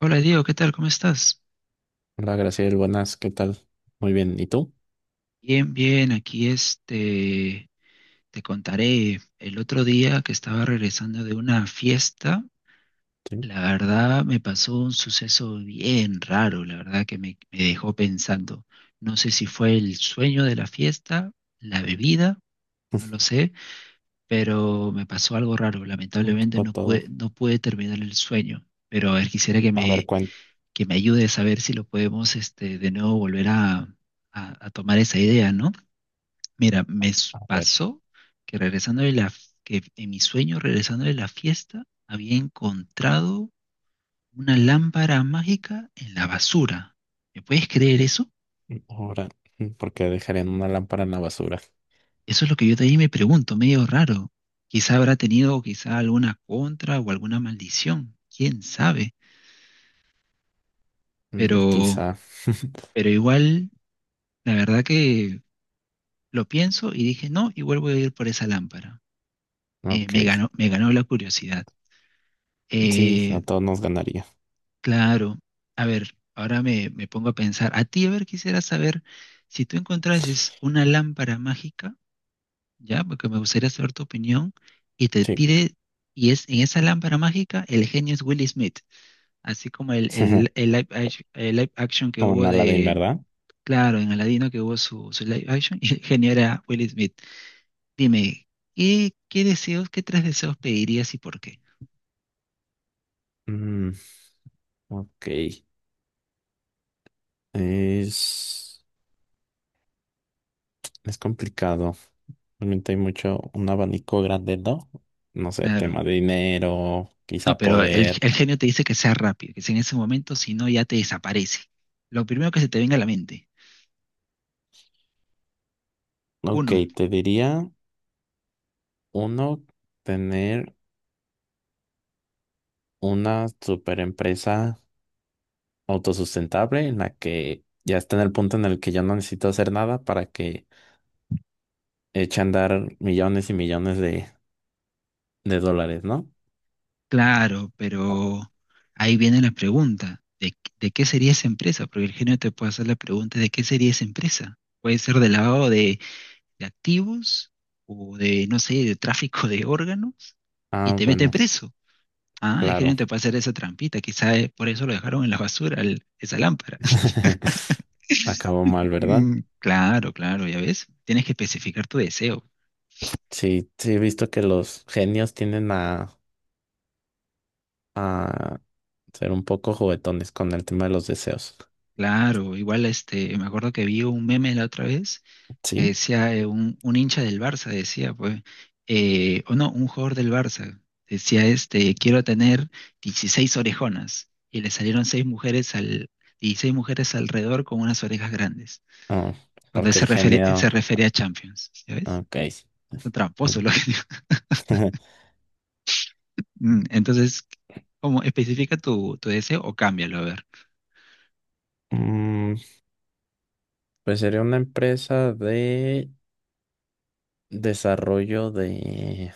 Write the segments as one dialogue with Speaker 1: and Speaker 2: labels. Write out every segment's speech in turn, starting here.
Speaker 1: Hola Diego, ¿qué tal? ¿Cómo estás?
Speaker 2: Hola, Graciel, buenas, ¿qué tal? Muy bien, ¿y tú?
Speaker 1: Bien, bien, aquí te contaré. El otro día que estaba regresando de una fiesta,
Speaker 2: Sí,
Speaker 1: la verdad me pasó un suceso bien raro, la verdad que me dejó pensando. No sé si fue el sueño de la fiesta, la bebida, no lo sé, pero me pasó algo raro.
Speaker 2: un
Speaker 1: Lamentablemente
Speaker 2: poco todo.
Speaker 1: no pude terminar el sueño, pero a ver, quisiera
Speaker 2: A ver, cuenta,
Speaker 1: que me ayudes a ver si lo podemos de nuevo volver a tomar esa idea, ¿no? Mira,
Speaker 2: a ver,
Speaker 1: pasó que regresando de la, que en mi sueño, regresando de la fiesta, había encontrado una lámpara mágica en la basura. ¿Me puedes creer eso?
Speaker 2: ahora, ¿porque dejarían una lámpara en la basura?
Speaker 1: Eso es lo que yo también me pregunto, medio raro. Quizá habrá tenido quizá alguna contra o alguna maldición, quién sabe.
Speaker 2: Mm,
Speaker 1: Pero,
Speaker 2: quizá.
Speaker 1: pero igual, la verdad que lo pienso y dije no, igual voy a ir por esa lámpara.
Speaker 2: Ok,
Speaker 1: Me me ganó la curiosidad.
Speaker 2: sí,
Speaker 1: Eh,
Speaker 2: a todos nos ganaría.
Speaker 1: Claro, a ver, ahora me pongo a pensar, a ti, a ver, quisiera saber si tú encontrases una lámpara mágica, ya, porque me gustaría saber tu opinión, y te
Speaker 2: Sí,
Speaker 1: pide, y es en esa lámpara mágica, el genio es Will Smith, así como el, el, el live,
Speaker 2: Co-
Speaker 1: el live action que
Speaker 2: como
Speaker 1: hubo
Speaker 2: una Aladdin,
Speaker 1: de,
Speaker 2: ¿verdad?
Speaker 1: claro, en Aladino que hubo su live action, y el genio era Will Smith. Dime, ¿ qué tres deseos pedirías y por qué?
Speaker 2: Mm, ok, es, es complicado. Realmente hay mucho, un abanico grande, ¿no? No sé,
Speaker 1: Claro.
Speaker 2: tema de dinero,
Speaker 1: No,
Speaker 2: quizá
Speaker 1: pero
Speaker 2: poder.
Speaker 1: el genio te dice que sea rápido, que sea en ese momento, si no ya te desaparece. Lo primero que se te venga a la mente.
Speaker 2: Ok,
Speaker 1: Uno,
Speaker 2: te diría. Uno, tener una super empresa autosustentable en la que ya está en el punto en el que yo no necesito hacer nada para que eche a andar millones y millones de dólares, ¿no?
Speaker 1: claro, pero ahí viene la pregunta, ¿ de qué sería esa empresa? Porque el genio te puede hacer la pregunta, ¿de qué sería esa empresa? Puede ser del lado de activos o de, no sé, de tráfico de órganos y
Speaker 2: Ah,
Speaker 1: te mete
Speaker 2: bueno,
Speaker 1: preso. Ah, el genio
Speaker 2: claro.
Speaker 1: te puede hacer esa trampita, quizá por eso lo dejaron en la basura esa lámpara.
Speaker 2: Acabó mal, ¿verdad?
Speaker 1: Mm, claro, claro, ya ves, tienes que especificar tu deseo.
Speaker 2: Sí, sí, he visto que los genios tienden a ser un poco juguetones con el tema de los deseos.
Speaker 1: Claro, igual me acuerdo que vi un meme la otra vez que
Speaker 2: ¿Sí?
Speaker 1: decía un hincha del Barça, decía, pues, o no, un jugador del Barça, decía quiero tener 16 orejonas. Y le salieron seis mujeres 16 mujeres alrededor con unas orejas grandes.
Speaker 2: Ah,
Speaker 1: Cuando él
Speaker 2: porque el
Speaker 1: se
Speaker 2: genio...
Speaker 1: refería a Champions, ¿ya ves?
Speaker 2: Ok.
Speaker 1: Un tramposo lo que digo. Entonces, ¿cómo especifica tu deseo o cámbialo? A ver.
Speaker 2: Mm, Pues sería una empresa de desarrollo de...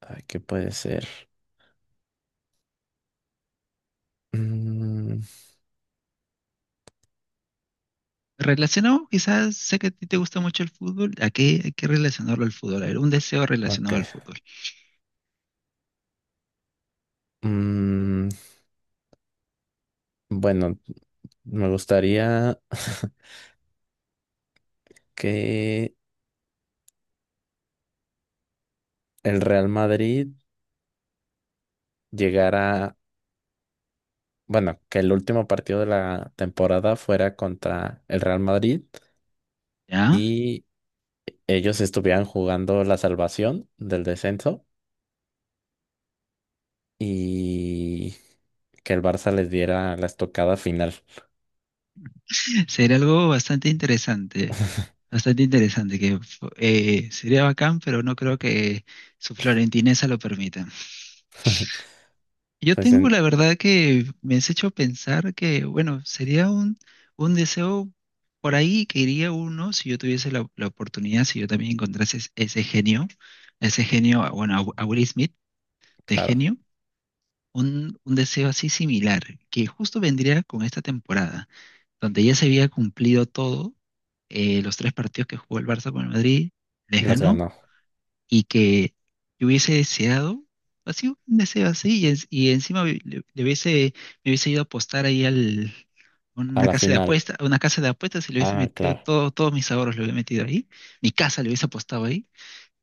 Speaker 2: Ay, ¿qué puede ser? Mm,
Speaker 1: Relacionado, quizás sé que a ti te gusta mucho el fútbol. ¿A qué hay que relacionarlo al fútbol? A ver, un deseo relacionado al
Speaker 2: ok.
Speaker 1: fútbol.
Speaker 2: Mm, bueno, me gustaría que el Real Madrid llegara... Bueno, que el último partido de la temporada fuera contra el Real Madrid
Speaker 1: ¿Ya?
Speaker 2: y ellos estuvieran jugando la salvación del descenso y que el Barça les diera la estocada final.
Speaker 1: Sería algo bastante interesante. Bastante interesante. Que sería bacán, pero no creo que su florentinesa lo permita. Yo tengo
Speaker 2: Entonces,
Speaker 1: la verdad que me has hecho pensar que, bueno, sería un deseo por ahí que iría uno si yo tuviese la oportunidad, si yo también encontrase ese genio, bueno, a Will Smith de
Speaker 2: claro,
Speaker 1: genio. Un, un deseo así similar, que justo vendría con esta temporada, donde ya se había cumplido todo, los tres partidos que jugó el Barça con el Madrid, les
Speaker 2: los
Speaker 1: ganó,
Speaker 2: ganó
Speaker 1: y que yo hubiese deseado, así un deseo así, y encima le hubiese, me hubiese ido a apostar ahí al,
Speaker 2: a
Speaker 1: una
Speaker 2: la
Speaker 1: casa de
Speaker 2: final.
Speaker 1: apuestas, una casa de apuestas y le hubiese
Speaker 2: Ah,
Speaker 1: metido
Speaker 2: claro.
Speaker 1: todos mis ahorros, le hubiese metido ahí, mi casa le hubiese apostado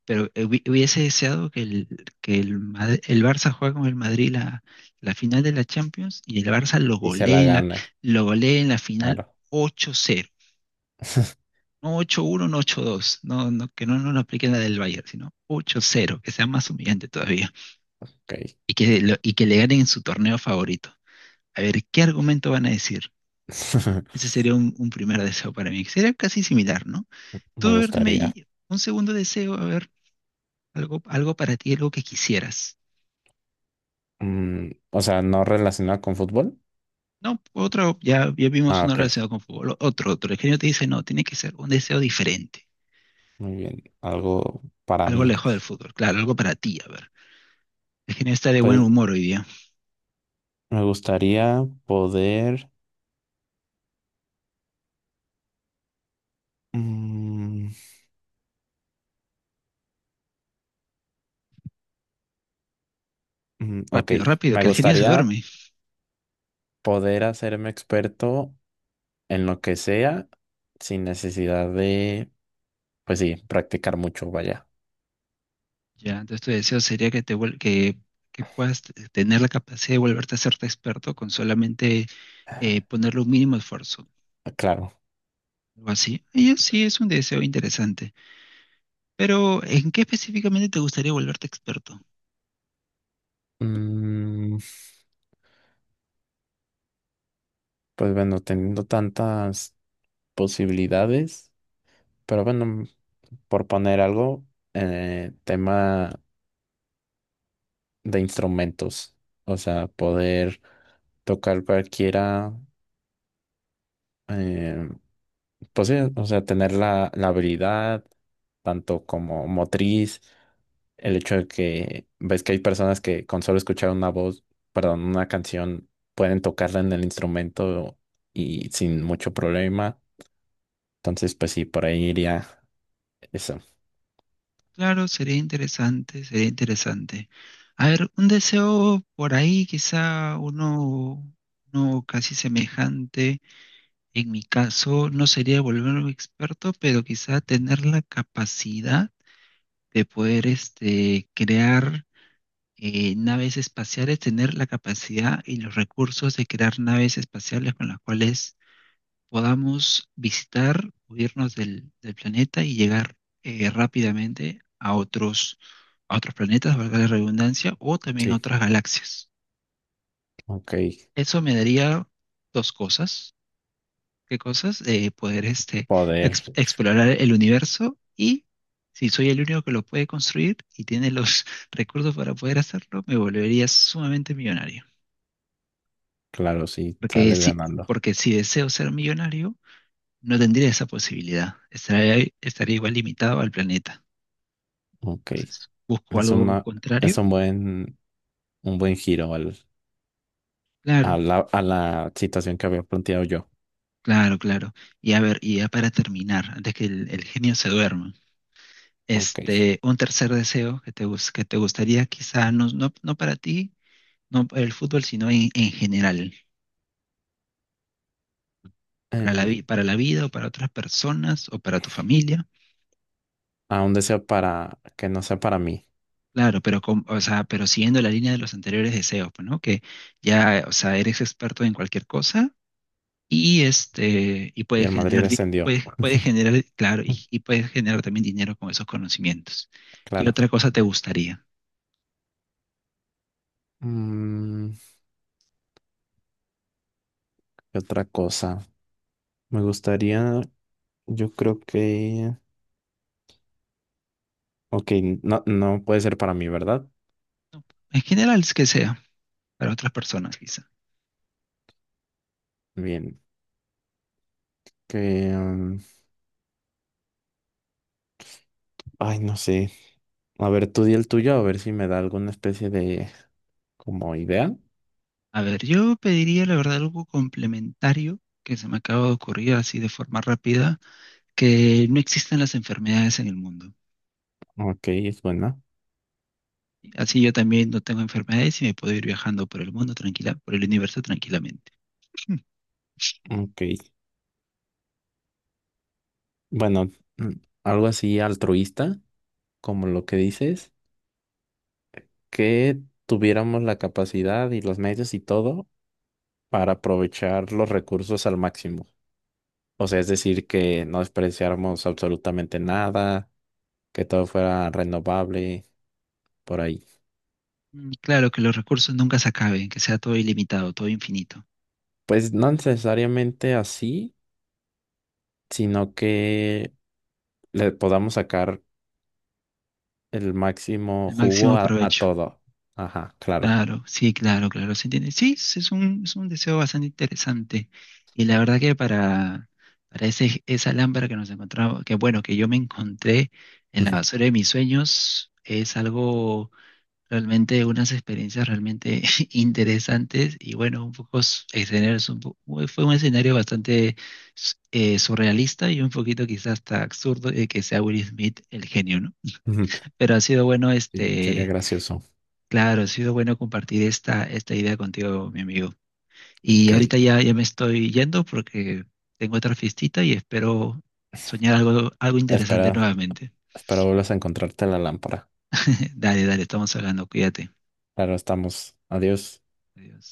Speaker 1: pero hubiese deseado que el Barça juegue con el Madrid la final de la Champions y el Barça lo
Speaker 2: Y se la
Speaker 1: golee
Speaker 2: gana,
Speaker 1: en la final
Speaker 2: claro.
Speaker 1: 8-0. No 8-1, no 8-2. No, no, que no lo apliquen la del Bayern, sino 8-0, que sea más humillante todavía.
Speaker 2: Ok.
Speaker 1: Y que le ganen en su torneo favorito. A ver, ¿qué argumento van a decir? Ese sería un primer deseo para mí. Que Sería casi similar, ¿no?
Speaker 2: Me
Speaker 1: Tú, a ver, dime
Speaker 2: gustaría.
Speaker 1: ahí, un segundo deseo, a ver, algo para ti, algo que quisieras.
Speaker 2: Mm, o sea, no relacionado con fútbol.
Speaker 1: No, otro, ya vimos
Speaker 2: Ah,
Speaker 1: uno
Speaker 2: ok.
Speaker 1: relacionado con fútbol. Otro, otro. El genio te dice, no, tiene que ser un deseo diferente.
Speaker 2: Muy bien. Algo para
Speaker 1: Algo
Speaker 2: mí.
Speaker 1: lejos del fútbol. Claro, algo para ti, a ver. El genio está de buen
Speaker 2: Pues
Speaker 1: humor hoy día.
Speaker 2: me gustaría poder. mm, ok.
Speaker 1: Rápido, rápido,
Speaker 2: Me
Speaker 1: que el genio se
Speaker 2: gustaría
Speaker 1: duerme.
Speaker 2: poder hacerme experto en lo que sea sin necesidad de, pues sí, practicar mucho, vaya.
Speaker 1: Ya, entonces tu deseo sería que te vuel- que puedas tener la capacidad de volverte a hacerte experto con solamente ponerle un mínimo esfuerzo.
Speaker 2: Claro.
Speaker 1: Algo así. Sí es un deseo interesante. Pero, ¿en qué específicamente te gustaría volverte experto?
Speaker 2: Mm, Pues bueno, teniendo tantas posibilidades, pero bueno, por poner algo, tema de instrumentos, o sea, poder tocar cualquiera, eh, pues sí, o sea, tener la habilidad, tanto como motriz, el hecho de que ves que hay personas que con solo escuchar una voz, perdón, una canción, pueden tocarla en el instrumento y sin mucho problema, entonces pues sí, por ahí iría. Eso.
Speaker 1: Claro, sería interesante, sería interesante. A ver, un deseo por ahí, quizá uno casi semejante. En mi caso, no sería volverme experto, pero quizá tener la capacidad de poder crear naves espaciales, tener la capacidad y los recursos de crear naves espaciales con las cuales podamos visitar o irnos del planeta y llegar rápidamente a otros planetas, valga la redundancia, o también a
Speaker 2: Sí,
Speaker 1: otras galaxias.
Speaker 2: ok.
Speaker 1: Eso me daría dos cosas. ¿Qué cosas? Poder
Speaker 2: Poder,
Speaker 1: explorar el universo y si soy el único que lo puede construir y tiene los recursos para poder hacerlo, me volvería sumamente millonario.
Speaker 2: claro, sí,
Speaker 1: Porque
Speaker 2: sales
Speaker 1: si,
Speaker 2: ganando.
Speaker 1: porque si deseo ser millonario, no tendría esa posibilidad. Estaría igual limitado al planeta.
Speaker 2: Ok.
Speaker 1: ¿Busco
Speaker 2: Es
Speaker 1: algo
Speaker 2: una,
Speaker 1: contrario?
Speaker 2: es un buen giro al,
Speaker 1: Claro,
Speaker 2: a la situación que había planteado yo.
Speaker 1: claro, claro. Y a ver, y ya para terminar, antes que el genio se duerma,
Speaker 2: Ok.
Speaker 1: un tercer deseo que te gustaría, quizá no, no, no para ti, no para el fútbol, sino en general, para
Speaker 2: Em,
Speaker 1: para la vida o para otras personas o para tu familia.
Speaker 2: a un deseo para que no sea para mí.
Speaker 1: Claro, pero, o sea, pero siguiendo la línea de los anteriores deseos, pues, ¿no? Que ya, o sea, eres experto en cualquier cosa y y
Speaker 2: Y
Speaker 1: puede
Speaker 2: el Madrid
Speaker 1: generar,
Speaker 2: descendió.
Speaker 1: puede generar, claro, y puede generar también dinero con esos conocimientos. ¿Qué
Speaker 2: Claro.
Speaker 1: otra cosa te gustaría?
Speaker 2: Mm, ¿qué otra cosa? Me gustaría, yo creo que. Ok, no, no puede ser para mí, ¿verdad?
Speaker 1: En general, es que sea, para otras personas quizá.
Speaker 2: Bien. Que. Ay, no sé. A ver, tú di el tuyo, a ver si me da alguna especie de como idea.
Speaker 1: A ver, yo pediría la verdad algo complementario que se me acaba de ocurrir así de forma rápida, que no existan las enfermedades en el mundo.
Speaker 2: Ok, es buena.
Speaker 1: Así yo también no tengo enfermedades y me puedo ir viajando por el mundo tranquila, por el universo tranquilamente.
Speaker 2: Ok. Bueno, mm, algo así altruista, como lo que dices, que tuviéramos la capacidad y los medios y todo para aprovechar los recursos al máximo. O sea, es decir, que no despreciáramos absolutamente nada, que todo fuera renovable por ahí.
Speaker 1: Mm, claro, que los recursos nunca se acaben, que sea todo ilimitado, todo infinito,
Speaker 2: Pues no necesariamente así, sino que le podamos sacar el máximo
Speaker 1: el
Speaker 2: jugo
Speaker 1: máximo
Speaker 2: a
Speaker 1: provecho.
Speaker 2: todo. Ajá, claro.
Speaker 1: Claro, sí, claro, claro, se entiende. Sí, es un deseo bastante interesante. Y la verdad que para esa lámpara que nos encontramos, que bueno, que yo me encontré en la basura de mis sueños, es algo realmente, unas experiencias realmente interesantes. Y bueno, un poco escenarios, fue un escenario bastante surrealista y un poquito quizás hasta absurdo de que sea Will Smith el genio, ¿no?
Speaker 2: Ujú.
Speaker 1: Pero ha sido bueno
Speaker 2: Sí, sería
Speaker 1: este
Speaker 2: gracioso.
Speaker 1: Claro, ha sido bueno compartir esta idea contigo, mi amigo. Y
Speaker 2: Ok.
Speaker 1: ahorita ya me estoy yendo porque tengo otra fiestita y espero soñar algo interesante
Speaker 2: Espera,
Speaker 1: nuevamente.
Speaker 2: espero vuelvas a encontrarte la lámpara.
Speaker 1: Dale, dale, estamos hablando, cuídate.
Speaker 2: Claro, estamos. Adiós.
Speaker 1: Adiós.